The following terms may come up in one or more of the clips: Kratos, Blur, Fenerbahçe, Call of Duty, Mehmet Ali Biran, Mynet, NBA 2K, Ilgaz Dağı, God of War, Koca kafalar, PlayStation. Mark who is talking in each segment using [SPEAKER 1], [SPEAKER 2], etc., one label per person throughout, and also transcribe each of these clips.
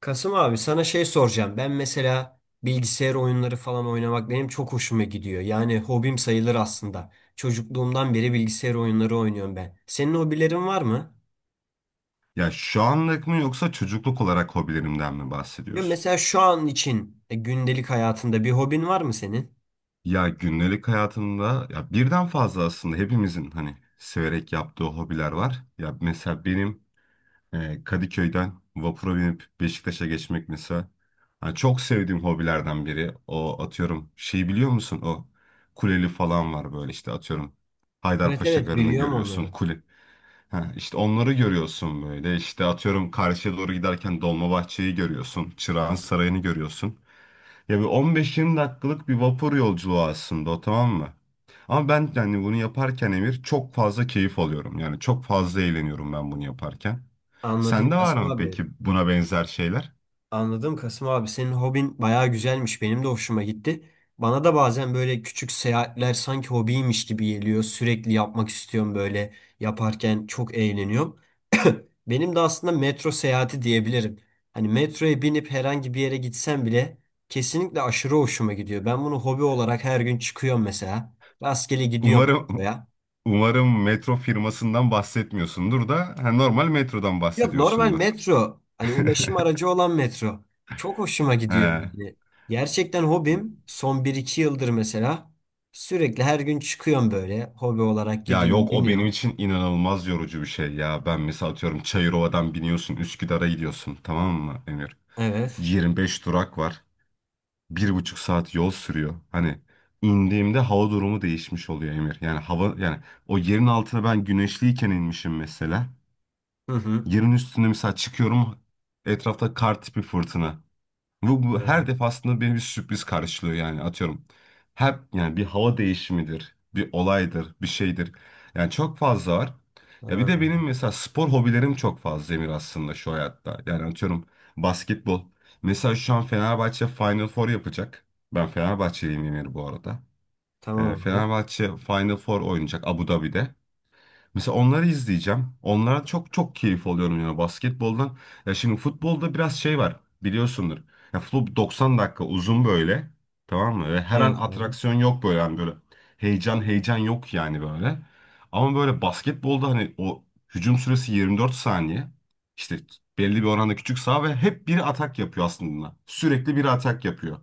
[SPEAKER 1] Kasım abi sana şey soracağım. Ben mesela bilgisayar oyunları falan oynamak benim çok hoşuma gidiyor. Yani hobim sayılır aslında. Çocukluğumdan beri bilgisayar oyunları oynuyorum ben. Senin hobilerin var mı?
[SPEAKER 2] Ya şu anlık mı yoksa çocukluk olarak hobilerimden mi
[SPEAKER 1] Ya
[SPEAKER 2] bahsediyorsun?
[SPEAKER 1] mesela şu an için gündelik hayatında bir hobin var mı senin?
[SPEAKER 2] Ya gündelik hayatımda ya birden fazla aslında hepimizin hani severek yaptığı hobiler var. Ya mesela benim Kadıköy'den vapura binip Beşiktaş'a geçmek mesela hani çok sevdiğim hobilerden biri. O atıyorum şey biliyor musun? O kuleli falan var böyle işte atıyorum
[SPEAKER 1] Evet
[SPEAKER 2] Haydarpaşa
[SPEAKER 1] evet
[SPEAKER 2] Garı'nı
[SPEAKER 1] biliyorum
[SPEAKER 2] görüyorsun.
[SPEAKER 1] onları.
[SPEAKER 2] Kule. Ha, işte onları görüyorsun böyle. İşte atıyorum karşıya doğru giderken Dolmabahçe'yi görüyorsun. Çırağan Sarayı'nı görüyorsun. Ya bir 15-20 dakikalık bir vapur yolculuğu aslında o, tamam mı? Ama ben yani bunu yaparken Emir çok fazla keyif alıyorum. Yani çok fazla eğleniyorum ben bunu yaparken.
[SPEAKER 1] Anladım
[SPEAKER 2] Sende var
[SPEAKER 1] Kasım
[SPEAKER 2] mı
[SPEAKER 1] abi.
[SPEAKER 2] peki buna benzer şeyler?
[SPEAKER 1] Anladım Kasım abi. Senin hobin bayağı güzelmiş. Benim de hoşuma gitti. Bana da bazen böyle küçük seyahatler sanki hobiymiş gibi geliyor. Sürekli yapmak istiyorum böyle. Yaparken çok eğleniyorum. Benim de aslında metro seyahati diyebilirim. Hani metroya binip herhangi bir yere gitsem bile kesinlikle aşırı hoşuma gidiyor. Ben bunu hobi olarak her gün çıkıyorum mesela. Rastgele gidiyorum
[SPEAKER 2] Umarım
[SPEAKER 1] metroya.
[SPEAKER 2] umarım metro firmasından bahsetmiyorsundur da ha, normal metrodan
[SPEAKER 1] Yok, normal
[SPEAKER 2] bahsediyorsundur.
[SPEAKER 1] metro. Hani ulaşım aracı olan metro. Çok hoşuma gidiyor.
[SPEAKER 2] He.
[SPEAKER 1] Yani. Gerçekten hobim son bir iki yıldır mesela. Sürekli her gün çıkıyorum böyle. Hobi olarak
[SPEAKER 2] Ya
[SPEAKER 1] gidiyorum,
[SPEAKER 2] yok, o benim
[SPEAKER 1] biniyorum.
[SPEAKER 2] için inanılmaz yorucu bir şey ya. Ben mesela atıyorum Çayırova'dan biniyorsun Üsküdar'a gidiyorsun, tamam mı Emir?
[SPEAKER 1] Evet.
[SPEAKER 2] 25 durak var. 1,5 saat yol sürüyor. Hani indiğimde hava durumu değişmiş oluyor Emir. Yani hava yani o yerin altına ben güneşliyken inmişim mesela.
[SPEAKER 1] Hı hı.
[SPEAKER 2] Yerin üstüne mesela çıkıyorum etrafta kar tipi fırtına. Bu her
[SPEAKER 1] Evet.
[SPEAKER 2] defasında beni bir sürpriz karşılıyor yani atıyorum. Hep yani bir hava değişimidir, bir olaydır, bir şeydir. Yani çok fazla var. Ya bir
[SPEAKER 1] Ha,
[SPEAKER 2] de benim
[SPEAKER 1] ha.
[SPEAKER 2] mesela spor hobilerim çok fazla Emir aslında şu hayatta. Yani atıyorum basketbol. Mesela şu an Fenerbahçe Final Four yapacak. Ben Fenerbahçeliyim Emir bu arada.
[SPEAKER 1] Tamam abi.
[SPEAKER 2] Fenerbahçe Final Four oynayacak Abu Dhabi'de. Mesela onları izleyeceğim. Onlara çok çok keyif alıyorum yani basketboldan. Ya şimdi futbolda biraz şey var biliyorsundur. Ya futbol 90 dakika uzun böyle. Tamam mı? Ve her an
[SPEAKER 1] Evet abi.
[SPEAKER 2] atraksiyon yok böyle yani böyle heyecan heyecan yok yani böyle. Ama böyle basketbolda hani o hücum süresi 24 saniye. İşte belli bir oranda küçük saha ve hep biri atak yapıyor aslında. Sürekli biri atak yapıyor.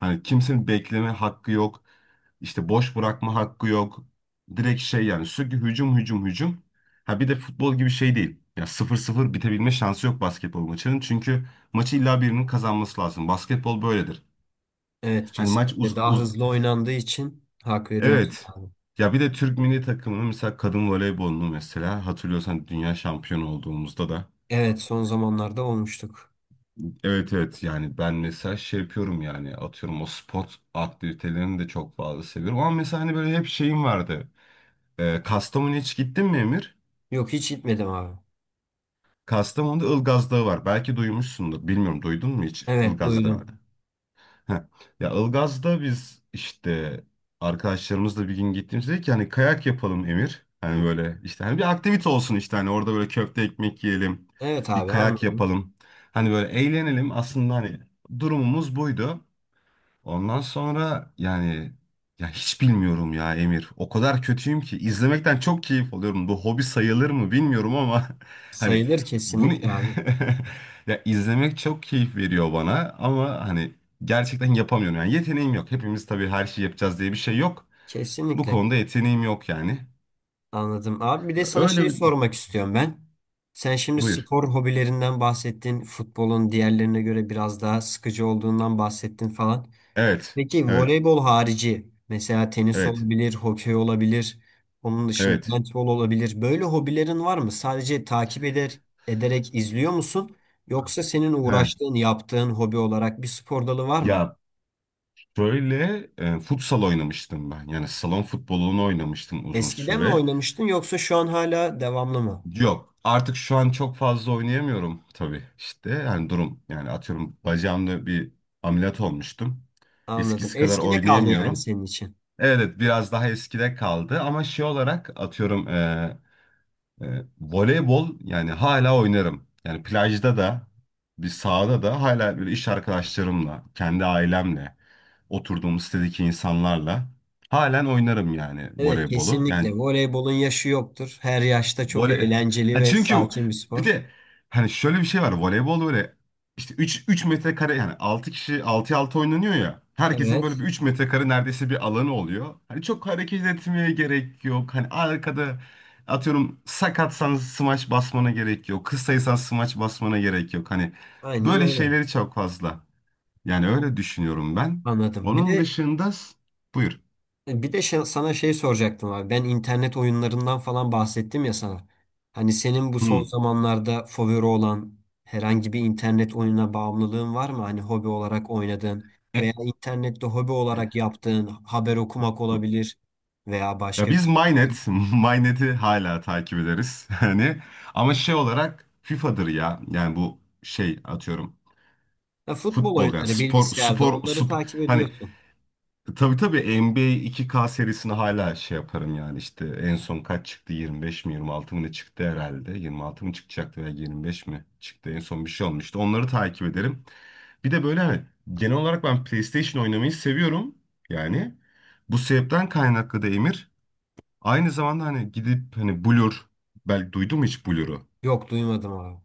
[SPEAKER 2] Hani kimsenin bekleme hakkı yok. İşte boş bırakma hakkı yok. Direkt şey yani sürekli hücum hücum hücum. Ha bir de futbol gibi şey değil. Ya sıfır sıfır bitebilme şansı yok basketbol maçının. Çünkü maçı illa birinin kazanması lazım. Basketbol böyledir.
[SPEAKER 1] Evet,
[SPEAKER 2] Hani maç uz,
[SPEAKER 1] kesinlikle daha
[SPEAKER 2] uz
[SPEAKER 1] hızlı oynandığı için hak veriyorsun
[SPEAKER 2] Evet.
[SPEAKER 1] abi.
[SPEAKER 2] Ya bir de Türk milli takımının mesela kadın voleybolunu mesela hatırlıyorsan dünya şampiyonu olduğumuzda da
[SPEAKER 1] Evet, son zamanlarda olmuştuk.
[SPEAKER 2] evet, evet, yani ben mesela şey yapıyorum yani atıyorum o spot aktivitelerini de çok fazla seviyorum ama mesela hani böyle hep şeyim vardı. Kastamonu'ya hiç gittin mi Emir?
[SPEAKER 1] Yok, hiç gitmedim abi.
[SPEAKER 2] Kastamonu'da Ilgaz Dağı var. Belki duymuşsundur. Bilmiyorum duydun mu hiç
[SPEAKER 1] Evet,
[SPEAKER 2] Ilgaz Dağı'nı?
[SPEAKER 1] duydum.
[SPEAKER 2] Heh. Ya Ilgaz'da biz işte arkadaşlarımızla bir gün gittiğimizde dedik ki hani kayak yapalım Emir. Hani böyle işte hani bir aktivite olsun işte hani orada böyle köfte ekmek yiyelim.
[SPEAKER 1] Evet
[SPEAKER 2] Bir
[SPEAKER 1] abi,
[SPEAKER 2] kayak
[SPEAKER 1] anladım.
[SPEAKER 2] yapalım. Hani böyle eğlenelim aslında hani durumumuz buydu. Ondan sonra yani ya hiç bilmiyorum ya Emir. O kadar kötüyüm ki izlemekten çok keyif alıyorum. Bu hobi sayılır mı bilmiyorum ama hani
[SPEAKER 1] Sayılır
[SPEAKER 2] bunu
[SPEAKER 1] kesinlikle abi.
[SPEAKER 2] ya izlemek çok keyif veriyor bana ama hani gerçekten yapamıyorum. Yani yeteneğim yok. Hepimiz tabii her şeyi yapacağız diye bir şey yok. Bu
[SPEAKER 1] Kesinlikle
[SPEAKER 2] konuda yeteneğim yok yani.
[SPEAKER 1] anladım. Abi bir de sana
[SPEAKER 2] Öyle
[SPEAKER 1] şey
[SPEAKER 2] bir...
[SPEAKER 1] sormak istiyorum ben. Sen şimdi
[SPEAKER 2] Buyur.
[SPEAKER 1] spor hobilerinden bahsettin. Futbolun diğerlerine göre biraz daha sıkıcı olduğundan bahsettin falan.
[SPEAKER 2] Evet.
[SPEAKER 1] Peki
[SPEAKER 2] Evet.
[SPEAKER 1] voleybol harici mesela tenis
[SPEAKER 2] Evet.
[SPEAKER 1] olabilir, hokey olabilir, onun dışında
[SPEAKER 2] Evet.
[SPEAKER 1] handbol olabilir. Böyle hobilerin var mı? Sadece takip ederek izliyor musun? Yoksa senin
[SPEAKER 2] He.
[SPEAKER 1] uğraştığın, yaptığın hobi olarak bir spor dalı var mı?
[SPEAKER 2] Ya şöyle futsal oynamıştım ben. Yani salon futbolunu oynamıştım uzun
[SPEAKER 1] Eskiden mi
[SPEAKER 2] süre.
[SPEAKER 1] oynamıştın yoksa şu an hala devamlı mı?
[SPEAKER 2] Yok. Artık şu an çok fazla oynayamıyorum tabii. İşte yani durum yani atıyorum bacağımda bir ameliyat olmuştum.
[SPEAKER 1] Anladım.
[SPEAKER 2] Eskisi kadar
[SPEAKER 1] Eskide kaldı yani
[SPEAKER 2] oynayamıyorum.
[SPEAKER 1] senin için.
[SPEAKER 2] Evet biraz daha eskide kaldı ama şey olarak atıyorum e, voleybol yani hala oynarım. Yani plajda da bir sahada da hala böyle iş arkadaşlarımla, kendi ailemle, oturduğum sitedeki insanlarla halen oynarım yani
[SPEAKER 1] Evet,
[SPEAKER 2] voleybolu.
[SPEAKER 1] kesinlikle.
[SPEAKER 2] Yani
[SPEAKER 1] Voleybolun yaşı yoktur. Her yaşta çok
[SPEAKER 2] voley.
[SPEAKER 1] eğlenceli
[SPEAKER 2] Ha
[SPEAKER 1] ve
[SPEAKER 2] çünkü
[SPEAKER 1] sakin bir
[SPEAKER 2] bir
[SPEAKER 1] spor.
[SPEAKER 2] de hani şöyle bir şey var. Voleybol böyle işte 3 3 metrekare yani 6 kişi 6'ya 6 oynanıyor ya. Herkesin böyle
[SPEAKER 1] Evet,
[SPEAKER 2] bir 3 metrekare neredeyse bir alanı oluyor. Hani çok hareket etmeye gerek yok. Hani arkada atıyorum sakatsan smaç basmana gerek yok. Kısaysan smaç basmana gerek yok. Hani
[SPEAKER 1] aynen
[SPEAKER 2] böyle
[SPEAKER 1] öyle.
[SPEAKER 2] şeyleri çok fazla. Yani öyle düşünüyorum ben.
[SPEAKER 1] Anladım. Bir
[SPEAKER 2] Onun
[SPEAKER 1] de
[SPEAKER 2] dışında buyur.
[SPEAKER 1] Sana şey soracaktım abi. Ben internet oyunlarından falan bahsettim ya sana. Hani senin bu son
[SPEAKER 2] Hmm.
[SPEAKER 1] zamanlarda favori olan herhangi bir internet oyununa bağımlılığın var mı? Hani hobi olarak oynadığın veya
[SPEAKER 2] E,
[SPEAKER 1] internette hobi olarak yaptığın haber okumak olabilir veya
[SPEAKER 2] ya
[SPEAKER 1] başka bir
[SPEAKER 2] biz
[SPEAKER 1] şey.
[SPEAKER 2] Mynet, Mynet'i hala takip ederiz. Hani ama şey olarak FIFA'dır ya. Yani bu şey atıyorum
[SPEAKER 1] Ya futbol
[SPEAKER 2] futbol yani
[SPEAKER 1] oyunları bilgisayarda onları takip
[SPEAKER 2] hani
[SPEAKER 1] ediyorsun.
[SPEAKER 2] tabii tabii NBA 2K serisini hala şey yaparım yani işte en son kaç çıktı 25 mi 26 mı ne çıktı herhalde 26 mı çıkacaktı veya 25 mi çıktı en son bir şey olmuştu onları takip ederim. Bir de böyle hani genel olarak ben PlayStation oynamayı seviyorum yani bu sebepten kaynaklı da Emir aynı zamanda hani gidip hani Blur belki duydun mu hiç Blur'u?
[SPEAKER 1] Yok, duymadım abi.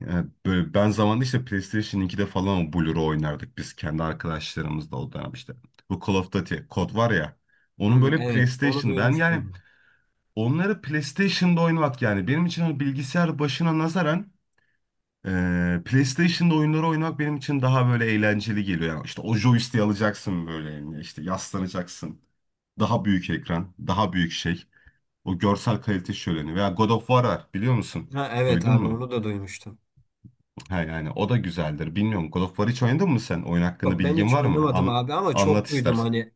[SPEAKER 2] Yani böyle ben zamanında işte PlayStation 2'de falan o Blur'u oynardık biz kendi arkadaşlarımızla o dönem işte. Bu Call of Duty kod var ya. Onun
[SPEAKER 1] Hı,
[SPEAKER 2] böyle
[SPEAKER 1] evet onu
[SPEAKER 2] PlayStation ben yani
[SPEAKER 1] duymuştum.
[SPEAKER 2] onları PlayStation'da oynamak yani benim için hani bilgisayar başına nazaran PlayStation'da oyunları oynamak benim için daha böyle eğlenceli geliyor. Yani işte o joystick'i alacaksın böyle eline, işte yaslanacaksın. Daha büyük ekran, daha büyük şey. O görsel kalite şöleni. Veya God of War var biliyor musun?
[SPEAKER 1] Ha, evet
[SPEAKER 2] Duydun
[SPEAKER 1] abi
[SPEAKER 2] mu?
[SPEAKER 1] onu da duymuştum.
[SPEAKER 2] Ha yani o da güzeldir. Bilmiyorum God of War hiç oynadın mı sen? Oyun hakkında
[SPEAKER 1] Yok, ben
[SPEAKER 2] bilgin
[SPEAKER 1] hiç
[SPEAKER 2] var mı?
[SPEAKER 1] oynamadım abi ama
[SPEAKER 2] Anlat
[SPEAKER 1] çok duydum
[SPEAKER 2] istersen.
[SPEAKER 1] hani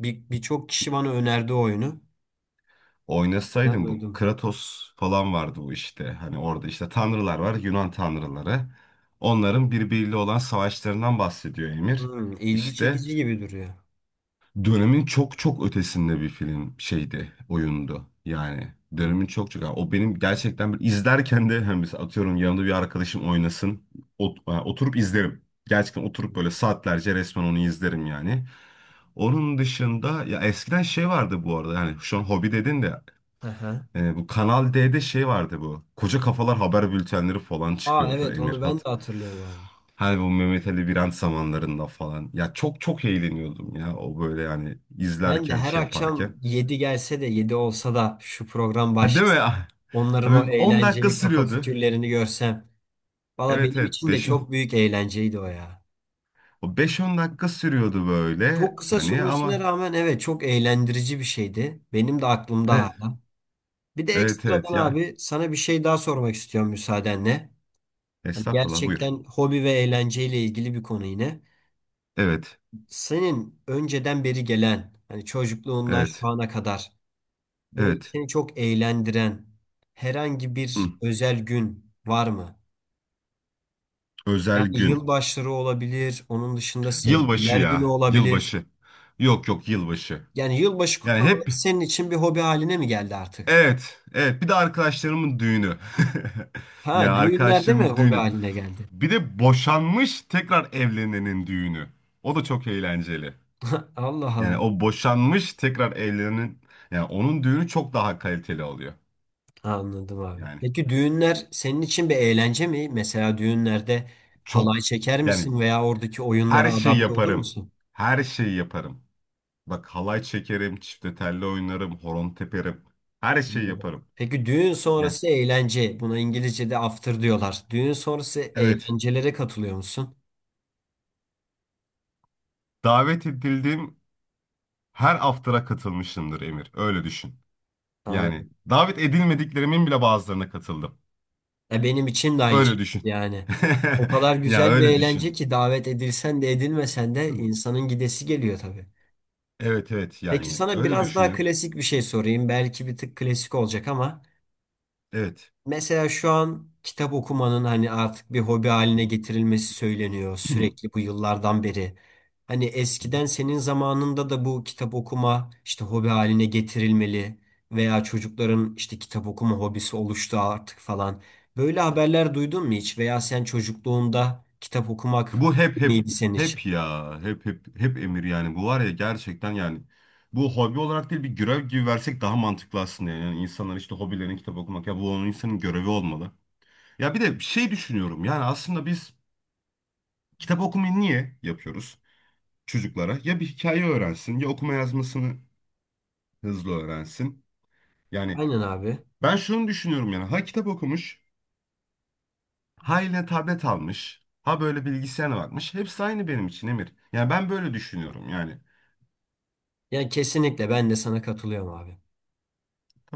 [SPEAKER 1] birçok kişi bana önerdi o oyunu. Ben
[SPEAKER 2] Oynasaydın bu
[SPEAKER 1] duydum.
[SPEAKER 2] Kratos falan vardı bu işte. Hani orada işte tanrılar var, Yunan tanrıları. Onların birbiriyle olan savaşlarından bahsediyor Emir.
[SPEAKER 1] Hmm, ilgi
[SPEAKER 2] İşte
[SPEAKER 1] çekici gibi duruyor.
[SPEAKER 2] dönemin çok çok ötesinde bir film şeydi, oyundu. Yani
[SPEAKER 1] Hmm.
[SPEAKER 2] dönemin çok çok. Yani o benim gerçekten bir izlerken de hani mesela atıyorum yanımda bir arkadaşım oynasın. Yani oturup izlerim. Gerçekten oturup böyle saatlerce resmen onu izlerim yani. Onun dışında ya eskiden şey vardı bu arada. Yani şu an hobi dedin de
[SPEAKER 1] Aha.
[SPEAKER 2] bu Kanal D'de şey vardı bu. Koca kafalar haber bültenleri falan
[SPEAKER 1] Aa,
[SPEAKER 2] çıkıyordu
[SPEAKER 1] evet onu ben
[SPEAKER 2] Emirhat.
[SPEAKER 1] de hatırlıyorum abi.
[SPEAKER 2] Hani bu Mehmet Ali Biran zamanlarında falan. Ya çok çok eğleniyordum ya o böyle yani
[SPEAKER 1] Ben de
[SPEAKER 2] izlerken
[SPEAKER 1] her
[SPEAKER 2] şey
[SPEAKER 1] akşam
[SPEAKER 2] yaparken.
[SPEAKER 1] 7 gelse de 7 olsa da şu program
[SPEAKER 2] Ha, değil mi
[SPEAKER 1] başlasa
[SPEAKER 2] ya?
[SPEAKER 1] onların o
[SPEAKER 2] Abi 10 dakika
[SPEAKER 1] eğlenceli kafa
[SPEAKER 2] sürüyordu.
[SPEAKER 1] fikirlerini görsem. Valla
[SPEAKER 2] Evet
[SPEAKER 1] benim
[SPEAKER 2] evet,
[SPEAKER 1] için de
[SPEAKER 2] 5
[SPEAKER 1] çok büyük eğlenceydi o ya.
[SPEAKER 2] o beş on dakika sürüyordu böyle
[SPEAKER 1] Çok kısa
[SPEAKER 2] hani
[SPEAKER 1] sürmesine
[SPEAKER 2] ama
[SPEAKER 1] rağmen evet çok eğlendirici bir şeydi. Benim de aklımda
[SPEAKER 2] evet
[SPEAKER 1] hala. Bir de
[SPEAKER 2] evet,
[SPEAKER 1] ekstradan
[SPEAKER 2] evet ya,
[SPEAKER 1] abi sana bir şey daha sormak istiyorum müsaadenle. Hani
[SPEAKER 2] estağfurullah buyur.
[SPEAKER 1] gerçekten hobi ve eğlenceyle ilgili bir konu yine.
[SPEAKER 2] Evet
[SPEAKER 1] Senin önceden beri gelen, hani çocukluğundan şu
[SPEAKER 2] evet
[SPEAKER 1] ana kadar böyle
[SPEAKER 2] evet.
[SPEAKER 1] seni çok eğlendiren herhangi
[SPEAKER 2] Hı.
[SPEAKER 1] bir özel gün var mı?
[SPEAKER 2] Özel
[SPEAKER 1] Yani
[SPEAKER 2] gün.
[SPEAKER 1] yılbaşları olabilir, onun dışında
[SPEAKER 2] Yılbaşı
[SPEAKER 1] sevgililer günü
[SPEAKER 2] ya
[SPEAKER 1] olabilir.
[SPEAKER 2] yılbaşı. Yok yok yılbaşı.
[SPEAKER 1] Yani yılbaşı
[SPEAKER 2] Yani
[SPEAKER 1] kutlamaları
[SPEAKER 2] hep
[SPEAKER 1] senin için bir hobi haline mi geldi artık?
[SPEAKER 2] evet evet bir de arkadaşlarımın düğünü. Ya
[SPEAKER 1] Ha, düğünler değil mi
[SPEAKER 2] arkadaşlarımın
[SPEAKER 1] hobi
[SPEAKER 2] düğünü.
[SPEAKER 1] haline geldi?
[SPEAKER 2] Bir de boşanmış tekrar evlenenin düğünü. O da çok eğlenceli.
[SPEAKER 1] Allah
[SPEAKER 2] Yani
[SPEAKER 1] Allah.
[SPEAKER 2] o boşanmış tekrar evlenenin yani onun düğünü çok daha kaliteli oluyor.
[SPEAKER 1] Anladım abi.
[SPEAKER 2] Yani
[SPEAKER 1] Peki düğünler senin için bir eğlence mi? Mesela düğünlerde halay
[SPEAKER 2] çok.
[SPEAKER 1] çeker
[SPEAKER 2] Yani
[SPEAKER 1] misin veya oradaki
[SPEAKER 2] her
[SPEAKER 1] oyunlara
[SPEAKER 2] şeyi
[SPEAKER 1] adapte olur
[SPEAKER 2] yaparım.
[SPEAKER 1] musun?
[SPEAKER 2] Her şeyi yaparım. Bak halay çekerim, çifte telli oynarım, horon teperim. Her şeyi
[SPEAKER 1] Anladım.
[SPEAKER 2] yaparım.
[SPEAKER 1] Peki düğün
[SPEAKER 2] Yani
[SPEAKER 1] sonrası eğlence. Buna İngilizce'de after diyorlar. Düğün sonrası
[SPEAKER 2] evet.
[SPEAKER 1] eğlencelere katılıyor musun?
[SPEAKER 2] Davet edildim. Her after'a katılmışımdır Emir. Öyle düşün. Yani
[SPEAKER 1] Anladım.
[SPEAKER 2] davet edilmediklerimin bile bazılarına katıldım.
[SPEAKER 1] E benim için de aynı
[SPEAKER 2] Öyle
[SPEAKER 1] şekilde
[SPEAKER 2] düşün.
[SPEAKER 1] yani. O kadar
[SPEAKER 2] Ya
[SPEAKER 1] güzel bir
[SPEAKER 2] öyle
[SPEAKER 1] eğlence
[SPEAKER 2] düşün.
[SPEAKER 1] ki davet edilsen de edilmesen de
[SPEAKER 2] Hı.
[SPEAKER 1] insanın gidesi geliyor tabii.
[SPEAKER 2] Evet evet
[SPEAKER 1] Peki
[SPEAKER 2] yani
[SPEAKER 1] sana
[SPEAKER 2] öyle
[SPEAKER 1] biraz daha
[SPEAKER 2] düşünür.
[SPEAKER 1] klasik bir şey sorayım. Belki bir tık klasik olacak ama.
[SPEAKER 2] Evet.
[SPEAKER 1] Mesela şu an kitap okumanın hani artık bir hobi
[SPEAKER 2] Hı.
[SPEAKER 1] haline getirilmesi söyleniyor
[SPEAKER 2] Hı.
[SPEAKER 1] sürekli bu yıllardan beri. Hani
[SPEAKER 2] Hı.
[SPEAKER 1] eskiden senin zamanında da bu kitap okuma işte hobi haline getirilmeli veya çocukların işte kitap okuma hobisi oluştu artık falan. Böyle haberler duydun mu hiç? Veya sen çocukluğunda kitap okumak
[SPEAKER 2] Bu hep hep
[SPEAKER 1] mıydı senin için?
[SPEAKER 2] hep ya hep hep hep Emir yani bu var ya gerçekten yani bu hobi olarak değil bir görev gibi versek daha mantıklı aslında yani. Yani insanlar işte hobilerini kitap okumak ya, bu onun insanın görevi olmalı. Ya bir de şey düşünüyorum yani aslında biz kitap okumayı niye yapıyoruz? Çocuklara ya bir hikaye öğrensin ya okuma yazmasını hızlı öğrensin. Yani
[SPEAKER 1] Aynen abi.
[SPEAKER 2] ben şunu düşünüyorum yani ha kitap okumuş, ha eline tablet almış, ha böyle bilgisayara bakmış. Hepsi aynı benim için Emir. Yani ben böyle düşünüyorum yani.
[SPEAKER 1] Yani kesinlikle ben de sana katılıyorum abi.
[SPEAKER 2] Tamam